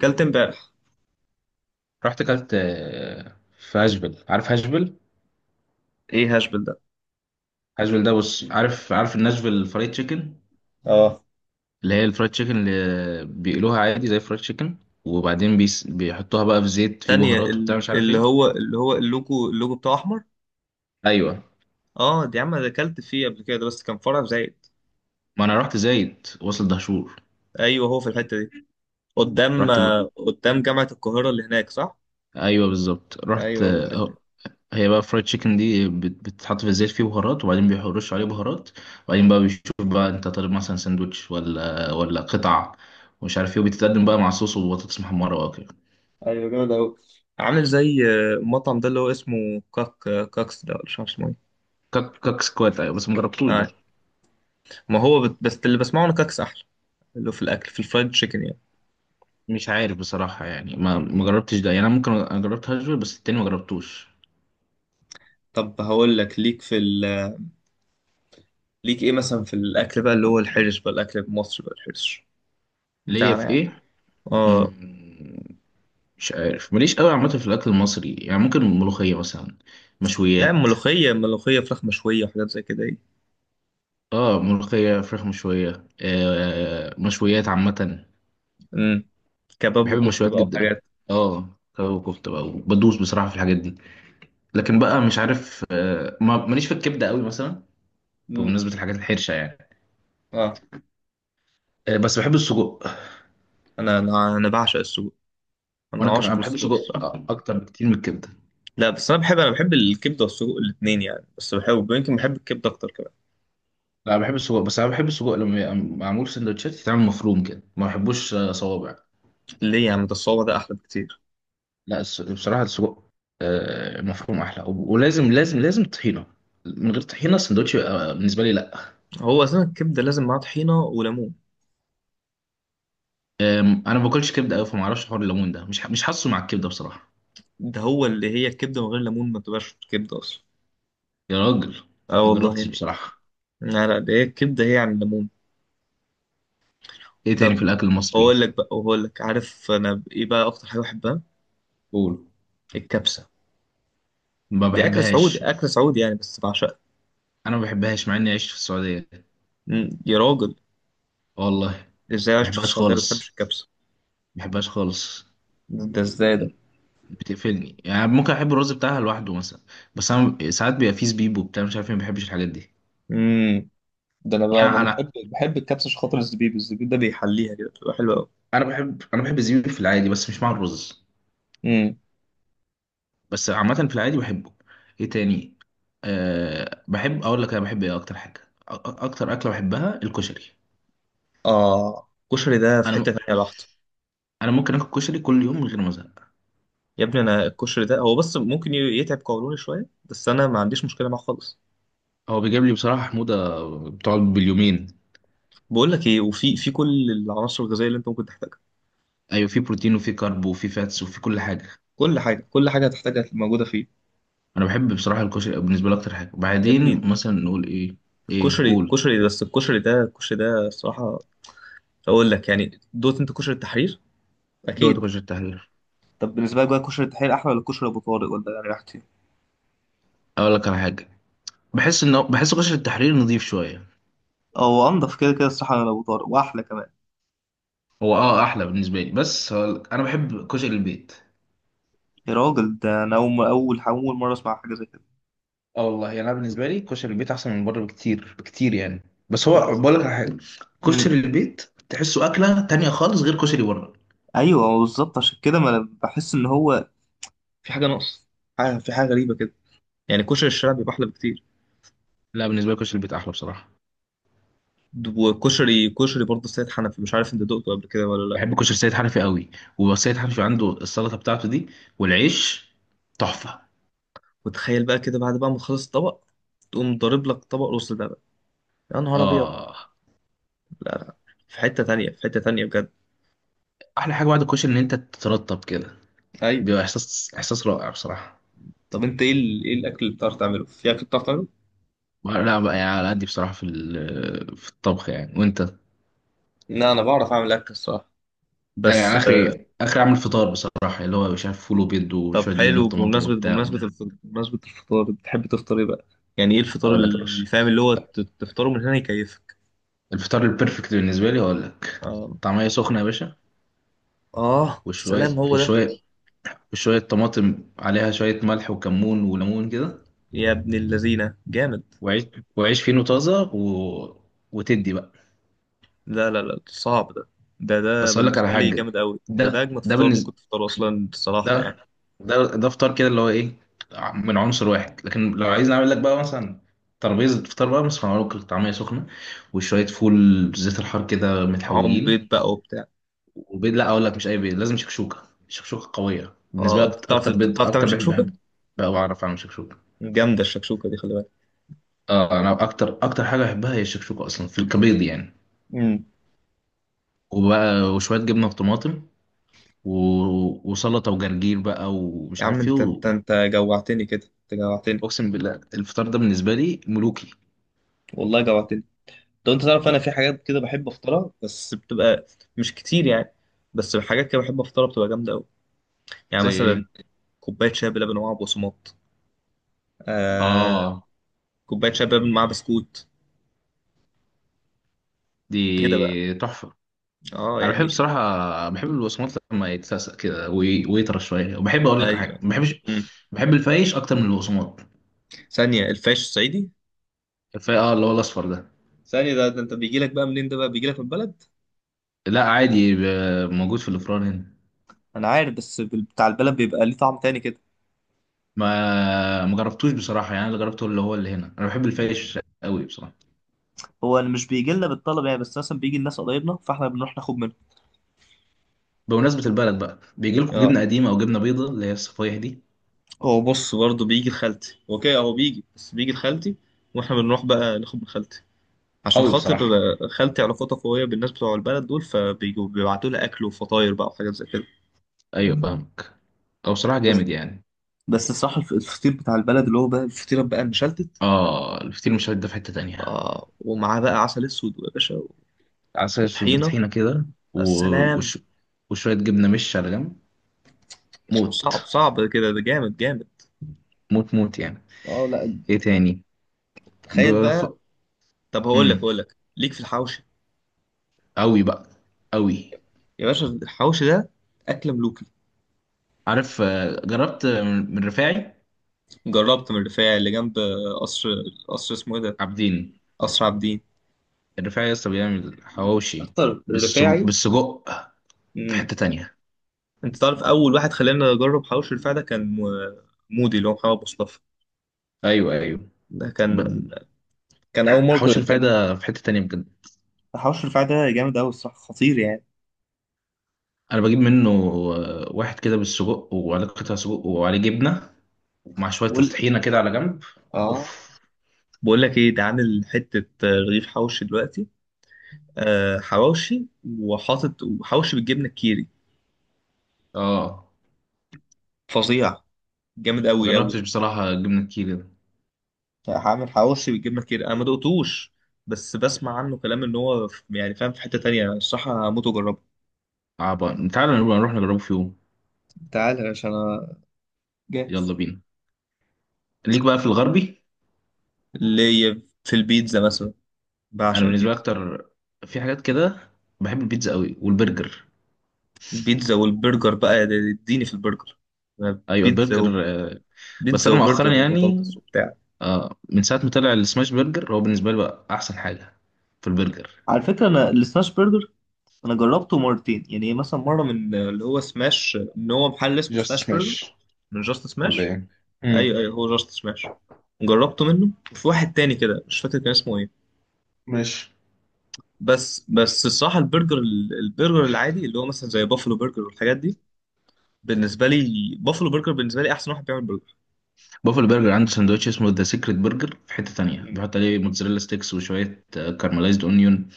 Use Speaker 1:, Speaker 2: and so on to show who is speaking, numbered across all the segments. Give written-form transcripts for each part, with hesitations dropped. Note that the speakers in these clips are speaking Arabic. Speaker 1: كلت امبارح.
Speaker 2: رحت كلت في هاشفيل. عارف هاشفيل؟
Speaker 1: ايه هاشبل ده؟
Speaker 2: هاشفيل ده، بص، عارف الناشفيل الفرايد تشيكن.
Speaker 1: اه.
Speaker 2: اللي هي الفرايد تشيكن اللي بيقلوها عادي زي الفرايد تشيكن، وبعدين بيحطوها بقى في زيت، في
Speaker 1: تانية،
Speaker 2: بهارات وبتاع مش عارف
Speaker 1: اللي
Speaker 2: ايه.
Speaker 1: هو اللي هو اللوجو بتاعه احمر.
Speaker 2: ايوه،
Speaker 1: اه، دي عم انا اكلت فيه قبل كده، ده بس كان فرع في زايد.
Speaker 2: ما انا رحت زايد، وصل دهشور.
Speaker 1: ايوه، هو في الحته دي. قدام،
Speaker 2: رحت ب...
Speaker 1: قدام جامعه القاهره اللي هناك، صح؟
Speaker 2: ايوه بالظبط، رحت
Speaker 1: ايوه، هو في الحته دي.
Speaker 2: هي بقى فرايد تشيكن دي بتتحط في الزيت، فيه بهارات، وبعدين بيرشوا عليه بهارات. وبعدين بقى بيشوف بقى انت طالب مثلا ساندوتش ولا قطع ومش عارف ايه، وبتتقدم بقى مع صوص وبطاطس محمره.
Speaker 1: ايوه، جامد قوي. عامل زي المطعم ده اللي هو اسمه كاكس ده، ولا مش عارف اسمه ايه؟
Speaker 2: كاك كاك سكوات، ايوه، بس ما جربتوش
Speaker 1: آه.
Speaker 2: ده.
Speaker 1: ما هو بس اللي بسمعه انا كاكس احلى. اللي هو في الاكل، في الفرايد تشيكن يعني.
Speaker 2: مش عارف بصراحه، يعني ما جربتش ده يعني. انا ممكن جربت هاجر بس التاني ما جربتوش.
Speaker 1: طب هقول لك ليك ليك ايه مثلا في الاكل بقى، اللي هو الحرش بقى، الاكل المصري بقى الحرش
Speaker 2: ليا في
Speaker 1: بتاعنا.
Speaker 2: ايه؟
Speaker 1: اه.
Speaker 2: مم، مش عارف، ماليش قوي عامه في الاكل المصري، يعني ممكن ملوخيه مثلا،
Speaker 1: لا،
Speaker 2: مشويات.
Speaker 1: ملوخية ملوخية فراخ مشوية وحاجات زي كده ايه.
Speaker 2: اه، ملوخيه، فراخ مشويه، مشويات عامه.
Speaker 1: امم كباب
Speaker 2: بحب
Speaker 1: وكفتة
Speaker 2: المشويات
Speaker 1: بقى
Speaker 2: جدا.
Speaker 1: وحاجات.
Speaker 2: اه كباب وكفته بقى، بدوس بصراحه في الحاجات دي. لكن بقى مش عارف، ماليش في الكبده قوي مثلا،
Speaker 1: امم
Speaker 2: بمناسبه الحاجات الحرشه يعني.
Speaker 1: اه.
Speaker 2: بس بحب السجق.
Speaker 1: انا بعشق السجق.
Speaker 2: وانا
Speaker 1: انا
Speaker 2: كمان
Speaker 1: عاشق
Speaker 2: انا بحب
Speaker 1: للسجق
Speaker 2: السجق
Speaker 1: الصراحة.
Speaker 2: اكتر بكتير من الكبده.
Speaker 1: لا، بس انا بحب الكبدة والسجق الاتنين يعني، بس بحب يمكن بحب الكبدة اكتر كمان.
Speaker 2: لا، بحب السجق، بس انا بحب السجق لما يبقى معمول سندوتشات، يتعمل مفروم كده، ما بحبوش صوابع.
Speaker 1: ليه يعني؟ ده الصوابع ده احلى بكتير.
Speaker 2: لا بصراحه السجق مفروم احلى، ولازم لازم لازم طحينه. من غير طحينه السندوتش يبقى بالنسبه لي لا.
Speaker 1: هو اصلا الكبدة لازم معاها طحينة وليمون.
Speaker 2: انا ما باكلش كبده قوي، فما اعرفش حوار الليمون ده، مش حاسه مع الكبده بصراحه.
Speaker 1: ده هو، اللي هي الكبدة من غير ليمون ما تبقاش كبدة اصلا.
Speaker 2: يا راجل،
Speaker 1: اه
Speaker 2: ما
Speaker 1: والله
Speaker 2: جربتش
Speaker 1: يعني.
Speaker 2: بصراحه.
Speaker 1: لا لا، ده هي الكبدة هي عن الليمون.
Speaker 2: ايه تاني
Speaker 1: طب
Speaker 2: في الاكل
Speaker 1: هقول
Speaker 2: المصري؟
Speaker 1: لك بقى، وهقول لك، عارف انا ايه بقى اكتر حاجة بحبها؟
Speaker 2: قول.
Speaker 1: الكبسة.
Speaker 2: ما
Speaker 1: دي اكل سعودي،
Speaker 2: بحبهاش.
Speaker 1: اكل سعودي يعني، بس بعشقها.
Speaker 2: انا ما بحبهاش مع اني عشت في السعوديه.
Speaker 1: مم. يا راجل،
Speaker 2: والله، ما
Speaker 1: ازاي عايش في
Speaker 2: بحبهاش
Speaker 1: السعوديه ما بتحبش
Speaker 2: خالص،
Speaker 1: الكبسه؟
Speaker 2: ما بحبهاش خالص.
Speaker 1: ده ازاي ده؟
Speaker 2: بتقفلني، يعني ممكن احب الرز بتاعها لوحده مثلا، بس انا ساعات بيبقى فيه زبيب وبتاع مش عارف ايه، ما بحبش الحاجات دي.
Speaker 1: امم ده انا بقى ده
Speaker 2: يعني
Speaker 1: انا
Speaker 2: انا
Speaker 1: بحب الكبسه عشان خاطر الزبيب، الزبيب ده بيحليها كده، بتبقى حلوه قوي.
Speaker 2: انا بحب انا بحب الزبيب في العادي بس مش مع الرز،
Speaker 1: امم
Speaker 2: بس عامه في العادي بحبه. ايه تاني؟ أه بحب اقول لك، انا بحب ايه اكتر حاجه، اكتر اكله بحبها الكشري.
Speaker 1: اه، الكشري ده في
Speaker 2: انا
Speaker 1: حته
Speaker 2: م-
Speaker 1: تانيه لوحده.
Speaker 2: انا ممكن اكل كشري كل يوم من غير ما ازهق.
Speaker 1: يا ابني انا الكشري ده هو بس ممكن يتعب قولوني شويه، بس انا ما عنديش مشكله معاه خالص.
Speaker 2: هو بيجيب لي بصراحه حموضه بتقعد باليومين.
Speaker 1: بقول لك ايه، وفي كل العناصر الغذائيه اللي انت ممكن تحتاجها.
Speaker 2: ايوه، في بروتين وفي كارب وفي فاتس وفي كل حاجه.
Speaker 1: كل حاجه، كل حاجه هتحتاجها موجوده فيه.
Speaker 2: انا بحب بصراحه الكشري، بالنسبه لي اكتر حاجه.
Speaker 1: يا
Speaker 2: بعدين
Speaker 1: ابني،
Speaker 2: مثلا نقول ايه؟ ايه،
Speaker 1: الكشري
Speaker 2: قول.
Speaker 1: الكشري بس الكشري ده الصراحه. اقول لك يعني، دوت انت كشري التحرير.
Speaker 2: دوت
Speaker 1: اكيد.
Speaker 2: غش التحرير.
Speaker 1: طب بالنسبه لك بقى، كشري التحرير احلى ولا كشري ابو طارق، ولا يعني راحتي؟
Speaker 2: اقول لك على حاجه، بحس غش التحرير نظيف شويه.
Speaker 1: او انضف كده كده الصراحه من ابو طارق واحلى كمان.
Speaker 2: هو اه، احلى بالنسبه لي، بس هقول لك، انا بحب كشري البيت.
Speaker 1: يا راجل، ده انا اول مره اسمع حاجه زي كده.
Speaker 2: اه والله يعني، انا بالنسبه لي كشري البيت احسن من بره بكتير بكتير يعني. بس هو بقول لك على حاجه،
Speaker 1: امم
Speaker 2: كشري البيت تحسه اكله تانية خالص غير كشري بره.
Speaker 1: ايوه بالظبط، عشان كده ما انا بحس ان هو في حاجه ناقص. في حاجه غريبه كده. يعني كشري الشارع بيبقى احلى بكتير.
Speaker 2: لا، بالنسبه لي كشري البيت احلى بصراحه.
Speaker 1: وكشري برضه سيد حنفي، مش عارف انت دقته قبل كده ولا لا؟
Speaker 2: بحب كشري سيد حنفي قوي، وسيد حنفي عنده السلطه بتاعته دي والعيش، تحفه.
Speaker 1: وتخيل بقى كده، بعد بقى ما تخلص الطبق، تقوم ضارب لك طبق رز ده بقى. يا نهار ابيض.
Speaker 2: اه،
Speaker 1: لا لا، في حته تانية، في حته تانية بجد.
Speaker 2: احلى حاجه بعد الكشري ان انت تترطب كده،
Speaker 1: ايوه.
Speaker 2: بيبقى احساس، احساس رائع بصراحه.
Speaker 1: طب انت ايه الاكل اللي بتعرف تعمله، في اكل بتعرف تعمله؟
Speaker 2: لا بقى يعني، على قدي بصراحة في في الطبخ يعني، وانت؟
Speaker 1: لا انا بعرف اعمل اكل الصراحه.
Speaker 2: يعني
Speaker 1: بس
Speaker 2: يعني اخري اعمل فطار بصراحة، اللي هو مش عارف فول وبيض
Speaker 1: طب
Speaker 2: وشوية جبنة
Speaker 1: حلو،
Speaker 2: طماطم وبتاع.
Speaker 1: بمناسبه الفطار، بتحب تفطر ايه بقى؟ يعني ايه الفطار
Speaker 2: اقول لك يا
Speaker 1: اللي
Speaker 2: باشا،
Speaker 1: فاهم، اللي هو تفطره من هنا يكيفك.
Speaker 2: الفطار البرفكت بالنسبة لي، اقول لك،
Speaker 1: اه،
Speaker 2: طعمية سخنة يا باشا،
Speaker 1: اه السلام
Speaker 2: وشوية
Speaker 1: هو ده.
Speaker 2: وشوية وشوية طماطم عليها شوية ملح وكمون وليمون كده،
Speaker 1: يا ابن اللذينه، جامد.
Speaker 2: وعيش، وعيش فينو طازة وتدي بقى.
Speaker 1: لا لا لا، صعب ده. ده
Speaker 2: بس اقول لك على
Speaker 1: بالنسبه لي
Speaker 2: حاجة،
Speaker 1: جامد قوي، ده
Speaker 2: ده
Speaker 1: اجمد
Speaker 2: ده
Speaker 1: فطار ممكن
Speaker 2: بالنسبة
Speaker 1: تفطره اصلا الصراحه يعني.
Speaker 2: ده ده ده فطار كده اللي هو ايه، من عنصر واحد. لكن لو عايز نعمل لك بقى مثلا ترابيزة فطار بقى، بس هنعمل لك طعمية سخنة وشوية فول زيت الحار كده
Speaker 1: معاهم
Speaker 2: متحوجين،
Speaker 1: بيض بقى وبتاع.
Speaker 2: وبيض. لا، اقول لك، مش اي بيض، لازم شكشوكة. شكشوكة قوية
Speaker 1: اه،
Speaker 2: بالنسبة
Speaker 1: انت
Speaker 2: لك،
Speaker 1: بتعرف
Speaker 2: اكتر بيض
Speaker 1: بتعرف تعمل
Speaker 2: اكتر بيض
Speaker 1: شكشوكه؟
Speaker 2: بحب. بقى بعرف اعمل شكشوكة.
Speaker 1: جامده الشكشوكه دي، خلي
Speaker 2: اه انا اكتر حاجة بحبها هي الشكشوكة اصلا، في الكبيض يعني.
Speaker 1: بالك.
Speaker 2: وبقى وشوية جبنة وطماطم وسلطة وجرجير بقى
Speaker 1: يا
Speaker 2: ومش
Speaker 1: عم،
Speaker 2: عارف ايه
Speaker 1: انت انت انت جوعتني كده، انت جوعتني.
Speaker 2: اقسم بالله الفطار ده بالنسبة لي ملوكي.
Speaker 1: والله جوعتني. طب انت تعرف، انا في حاجات كده بحب افطرها بس بتبقى مش كتير يعني. بس حاجات كده بحب افطرها بتبقى جامده قوي. يعني
Speaker 2: زي
Speaker 1: مثلا،
Speaker 2: ايه؟
Speaker 1: كوبايه شاي بلبن ومعاها بقسماط. آه.
Speaker 2: اه،
Speaker 1: كوبايه شاي بلبن مع بسكوت. كده بقى.
Speaker 2: دي تحفه.
Speaker 1: اه
Speaker 2: انا بحب
Speaker 1: يعني.
Speaker 2: الصراحه، بحب البقسماط لما يتسقسق كده ويطرى شويه، وبحب اقول لك على
Speaker 1: ايوه.
Speaker 2: حاجه ما بحبش،
Speaker 1: مم.
Speaker 2: بحب الفايش اكتر من البقسماط.
Speaker 1: ثانيه، الفاش الصعيدي؟
Speaker 2: الفايش اه، اللي هو الاصفر ده.
Speaker 1: ثانيه، ده انت بيجي لك بقى منين؟ ده بقى بيجي لك من البلد؟
Speaker 2: لا عادي، موجود في الافران هنا.
Speaker 1: انا عارف، بس بتاع البلد بيبقى ليه طعم تاني كده.
Speaker 2: ما جربتوش بصراحه يعني، اللي جربته اللي هو اللي هنا. انا بحب الفايش قوي بصراحه.
Speaker 1: هو مش بيجي لنا بالطلب يعني، بس مثلا بيجي الناس قرايبنا فاحنا بنروح ناخد منه.
Speaker 2: بمناسبه البلد بقى، بيجي لكم
Speaker 1: اه.
Speaker 2: جبنه قديمه او جبنه بيضه اللي هي الصفايح دي؟
Speaker 1: هو بص برضه بيجي لخالتي، هو كده، هو بيجي بس بيجي لخالتي. واحنا بنروح بقى ناخد من خالتي. عشان
Speaker 2: قوي
Speaker 1: خاطر
Speaker 2: بصراحه.
Speaker 1: خالتي علاقتها قوية بالناس بتوع البلد دول، فبيجوا بيبعتوا لها أكل وفطاير بقى وحاجات زي كده.
Speaker 2: ايوه فاهمك، او بصراحه
Speaker 1: بس
Speaker 2: جامد يعني.
Speaker 1: بس الصراحة الفطير بتاع البلد اللي هو بقى الفطيرة بقى المشلتت.
Speaker 2: اه، الفطير مشلتت ده في حته تانيه.
Speaker 1: آه، ومعاه بقى عسل أسود يا باشا.
Speaker 2: عسل
Speaker 1: وطحينة.
Speaker 2: بطحينة كده و-
Speaker 1: السلام.
Speaker 2: وش... وشوية جبنة مش على جنب. موت،
Speaker 1: صعب صعب كده، ده جامد جامد.
Speaker 2: موت، موت يعني.
Speaker 1: اه لا.
Speaker 2: ايه تاني؟
Speaker 1: تخيل
Speaker 2: بف...
Speaker 1: بقى. طب هقول لك
Speaker 2: مم.
Speaker 1: هقول لك ليك في الحوشي.
Speaker 2: أوي بقى، أوي.
Speaker 1: يا باشا، الحوشي ده أكلة ملوكة.
Speaker 2: عارف جربت من رفاعي.
Speaker 1: جربت من الرفاعي اللي جنب قصر، قصر اسمه ايه ده؟
Speaker 2: عابدين.
Speaker 1: قصر عابدين.
Speaker 2: الرفاعي لسه بيعمل حواوشي
Speaker 1: اكتر،
Speaker 2: بالسجق؟
Speaker 1: الرفاعي.
Speaker 2: بالسجق في
Speaker 1: امم
Speaker 2: حتة تانية.
Speaker 1: انت تعرف، اول واحد خلاني اجرب حواوشي الرفاعي ده كان مودي اللي هو محمد مصطفى.
Speaker 2: أيوه أيوه.
Speaker 1: ده
Speaker 2: ب...
Speaker 1: كان اول مره
Speaker 2: حواوشي الرفاعي
Speaker 1: كان.
Speaker 2: ده في حتة تانية بجد.
Speaker 1: حواوشي الرفاعي ده جامد قوي الصراحه، خطير يعني.
Speaker 2: أنا بجيب منه واحد كده بالسجق وعليه قطع سجق وعليه جبنة، ومع شوية
Speaker 1: بقول
Speaker 2: الطحينة كده على جنب.
Speaker 1: اه،
Speaker 2: أوف.
Speaker 1: بقول لك ايه ده عامل حته رغيف حوشي دلوقتي. آه حواوشي، وحاطط وحوشي بالجبنه الكيري.
Speaker 2: آه،
Speaker 1: فظيع. جامد
Speaker 2: ما
Speaker 1: قوي قوي.
Speaker 2: جربتش بصراحة جبنة الكيري ده.
Speaker 1: عامر حواوشي بالجبنه كتير، انا ما دقتوش. بس بسمع عنه كلام ان هو يعني فاهم في حته تانية الصراحه، هموت واجربه.
Speaker 2: عبا تعالى نبقى نروح نجربه في يوم.
Speaker 1: تعالى يا باشا، انا
Speaker 2: يلا
Speaker 1: جاهز.
Speaker 2: بينا. ليك بقى في الغربي؟
Speaker 1: اللي هي في البيتزا مثلا،
Speaker 2: أنا
Speaker 1: بعشق
Speaker 2: بالنسبة لي
Speaker 1: البيتزا.
Speaker 2: أكتر، في حاجات كده بحب البيتزا قوي والبرجر.
Speaker 1: البيتزا والبرجر بقى، اديني في البرجر. أنا
Speaker 2: أيوة البرجر بس
Speaker 1: بيتزا
Speaker 2: أنا مؤخرا
Speaker 1: وبرجر
Speaker 2: يعني،
Speaker 1: وبطاطس وبتاع.
Speaker 2: من ساعة ما طلع السماش برجر، هو بالنسبة لي بقى أحسن حاجة في البرجر.
Speaker 1: على فكرة أنا السماش برجر، أنا جربته مرتين يعني، مثلا مرة من اللي هو سماش إن هو محل اسمه
Speaker 2: جاست
Speaker 1: سماش برجر،
Speaker 2: سماش
Speaker 1: من جاست
Speaker 2: ولا
Speaker 1: سماش.
Speaker 2: ايه؟ امم.
Speaker 1: ايوه ايوه، هو جاست سماش. جربته منه، وفي واحد تاني كده مش فاكر كان اسمه ايه.
Speaker 2: ماشي.
Speaker 1: بس الصراحه البرجر، البرجر العادي اللي هو مثلا زي بافلو برجر والحاجات دي، بالنسبه لي بافلو برجر بالنسبه لي احسن واحد بيعمل برجر.
Speaker 2: بافل برجر عنده سندوتش اسمه ذا سيكريت برجر، في حتة تانية،
Speaker 1: مم.
Speaker 2: بيحط عليه موتزاريلا ستيكس وشوية كارملايزد اونيون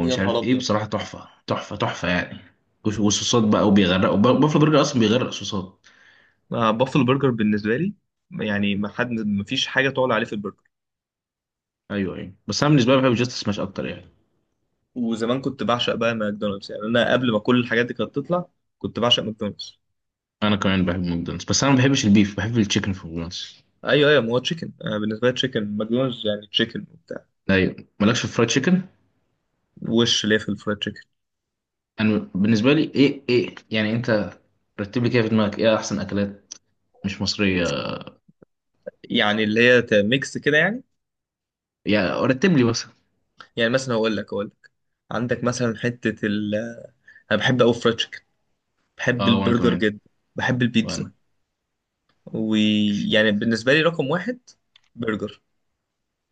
Speaker 1: يا نهار
Speaker 2: عارف ايه،
Speaker 1: ابيض.
Speaker 2: بصراحه تحفه، تحفه، تحفه يعني. والصوصات بقى، وبيغرقوا، بافلو برجر اصلا بيغرق صوصات.
Speaker 1: بافلو برجر بالنسبه لي يعني ما حد، ما فيش حاجه تعلى عليه في البرجر.
Speaker 2: ايوه ايوه، بس انا بالنسبه لي بحب جاست سماش اكتر يعني.
Speaker 1: وزمان كنت بعشق بقى ماكدونالدز يعني، انا قبل ما كل الحاجات دي كانت تطلع كنت بعشق ماكدونالدز.
Speaker 2: انا كمان بحب ماكدونالدز، بس انا ما بحبش البيف، بحب التشيكن في ماكدونالدز.
Speaker 1: ايوه ايوه، ما هو تشيكن، بالنسبه لي تشيكن ماكدونالدز يعني تشيكن وبتاع.
Speaker 2: ايوه، مالكش في فرايد تشيكن.
Speaker 1: وش ليه في الفرايد تشيكن.
Speaker 2: انا بالنسبه لي ايه ايه يعني، انت رتب لي كده في دماغك ايه احسن اكلات مش مصريه.
Speaker 1: يعني اللي هي ميكس كده يعني.
Speaker 2: يعني رتب لي مثلا.
Speaker 1: يعني مثلا هقول لك. عندك مثلا حتة ال، أنا بحب أوي فرايد تشيكن، بحب
Speaker 2: اه، وانا
Speaker 1: البرجر
Speaker 2: كمان.
Speaker 1: جدا، بحب البيتزا.
Speaker 2: وانا.
Speaker 1: ويعني بالنسبة لي رقم واحد برجر،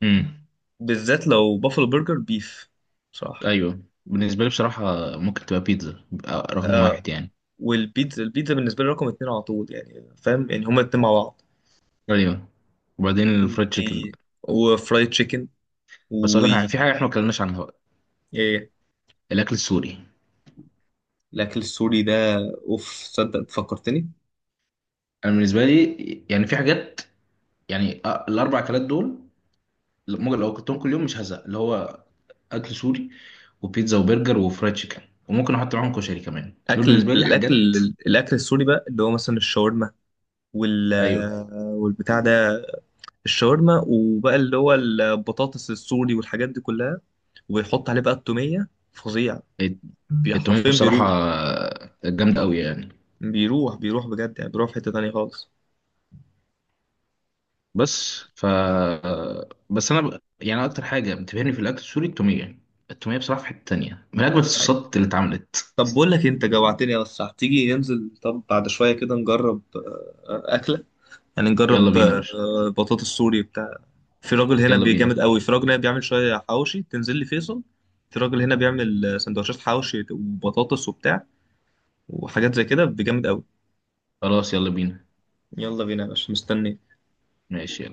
Speaker 2: امم.
Speaker 1: بالذات لو بافلو برجر بيف صراحة.
Speaker 2: ايوه بالنسبه لي بصراحه، ممكن تبقى بيتزا رقم 1 يعني.
Speaker 1: والبيتزا بالنسبة لي رقم اتنين على طول، يعني فاهم يعني هما الاتنين مع بعض.
Speaker 2: ايوه، وبعدين
Speaker 1: مم.
Speaker 2: الفرايد تشيكن.
Speaker 1: إيه، وفرايد تشيكن
Speaker 2: بس
Speaker 1: و،
Speaker 2: اقول لك حاجة، في حاجه احنا ما اتكلمناش عنها بقى.
Speaker 1: إيه،
Speaker 2: الاكل السوري.
Speaker 1: الأكل السوري ده. أوف، صدق فكرتني.
Speaker 2: انا بالنسبه لي يعني، في حاجات، يعني الـ 4 اكلات دول ممكن لو اكلتهم كل يوم مش هزهق، اللي هو اكل سوري وبيتزا وبرجر وفرايد تشيكن. وممكن احط معاهم كشري كمان، دول بالنسبه لي
Speaker 1: الأكل،
Speaker 2: حاجات.
Speaker 1: الأكل السوري بقى اللي هو مثلا الشاورما وال
Speaker 2: ايوه.
Speaker 1: والبتاع ده، الشاورما وبقى اللي هو البطاطس السوري والحاجات دي كلها، وبيحط عليه بقى التومية، فظيع.
Speaker 2: الت- التوميه
Speaker 1: حرفيا
Speaker 2: بصراحه
Speaker 1: بيروح
Speaker 2: جامده قوي يعني.
Speaker 1: بيروح بيروح بجد يعني، بيروح في حتة تانية خالص.
Speaker 2: بس ف، بس انا يعني اكتر حاجه بتبهرني في الاكل السوري التوميه. التوميه بصراحه في حته تانية، من اجمل
Speaker 1: أيوة.
Speaker 2: الصوصات اللي اتعملت.
Speaker 1: طب بقول لك إيه، انت جوعتني يا اسطى، هتيجي ننزل طب بعد شوية كده نجرب أكلة. يعني
Speaker 2: يلا
Speaker 1: نجرب
Speaker 2: بينا يا باشا.
Speaker 1: بطاطس سوري بتاع. في راجل هنا
Speaker 2: يلا بينا.
Speaker 1: بيجامد قوي، في راجل هنا بيعمل شوية حواوشي، تنزل لي فيصل. في راجل هنا بيعمل سندوتشات حواوشي وبطاطس وبتاع وحاجات زي كده بيجامد قوي.
Speaker 2: خلاص يلا بينا.
Speaker 1: يلا بينا يا باشا، مستنيك.
Speaker 2: ماشي.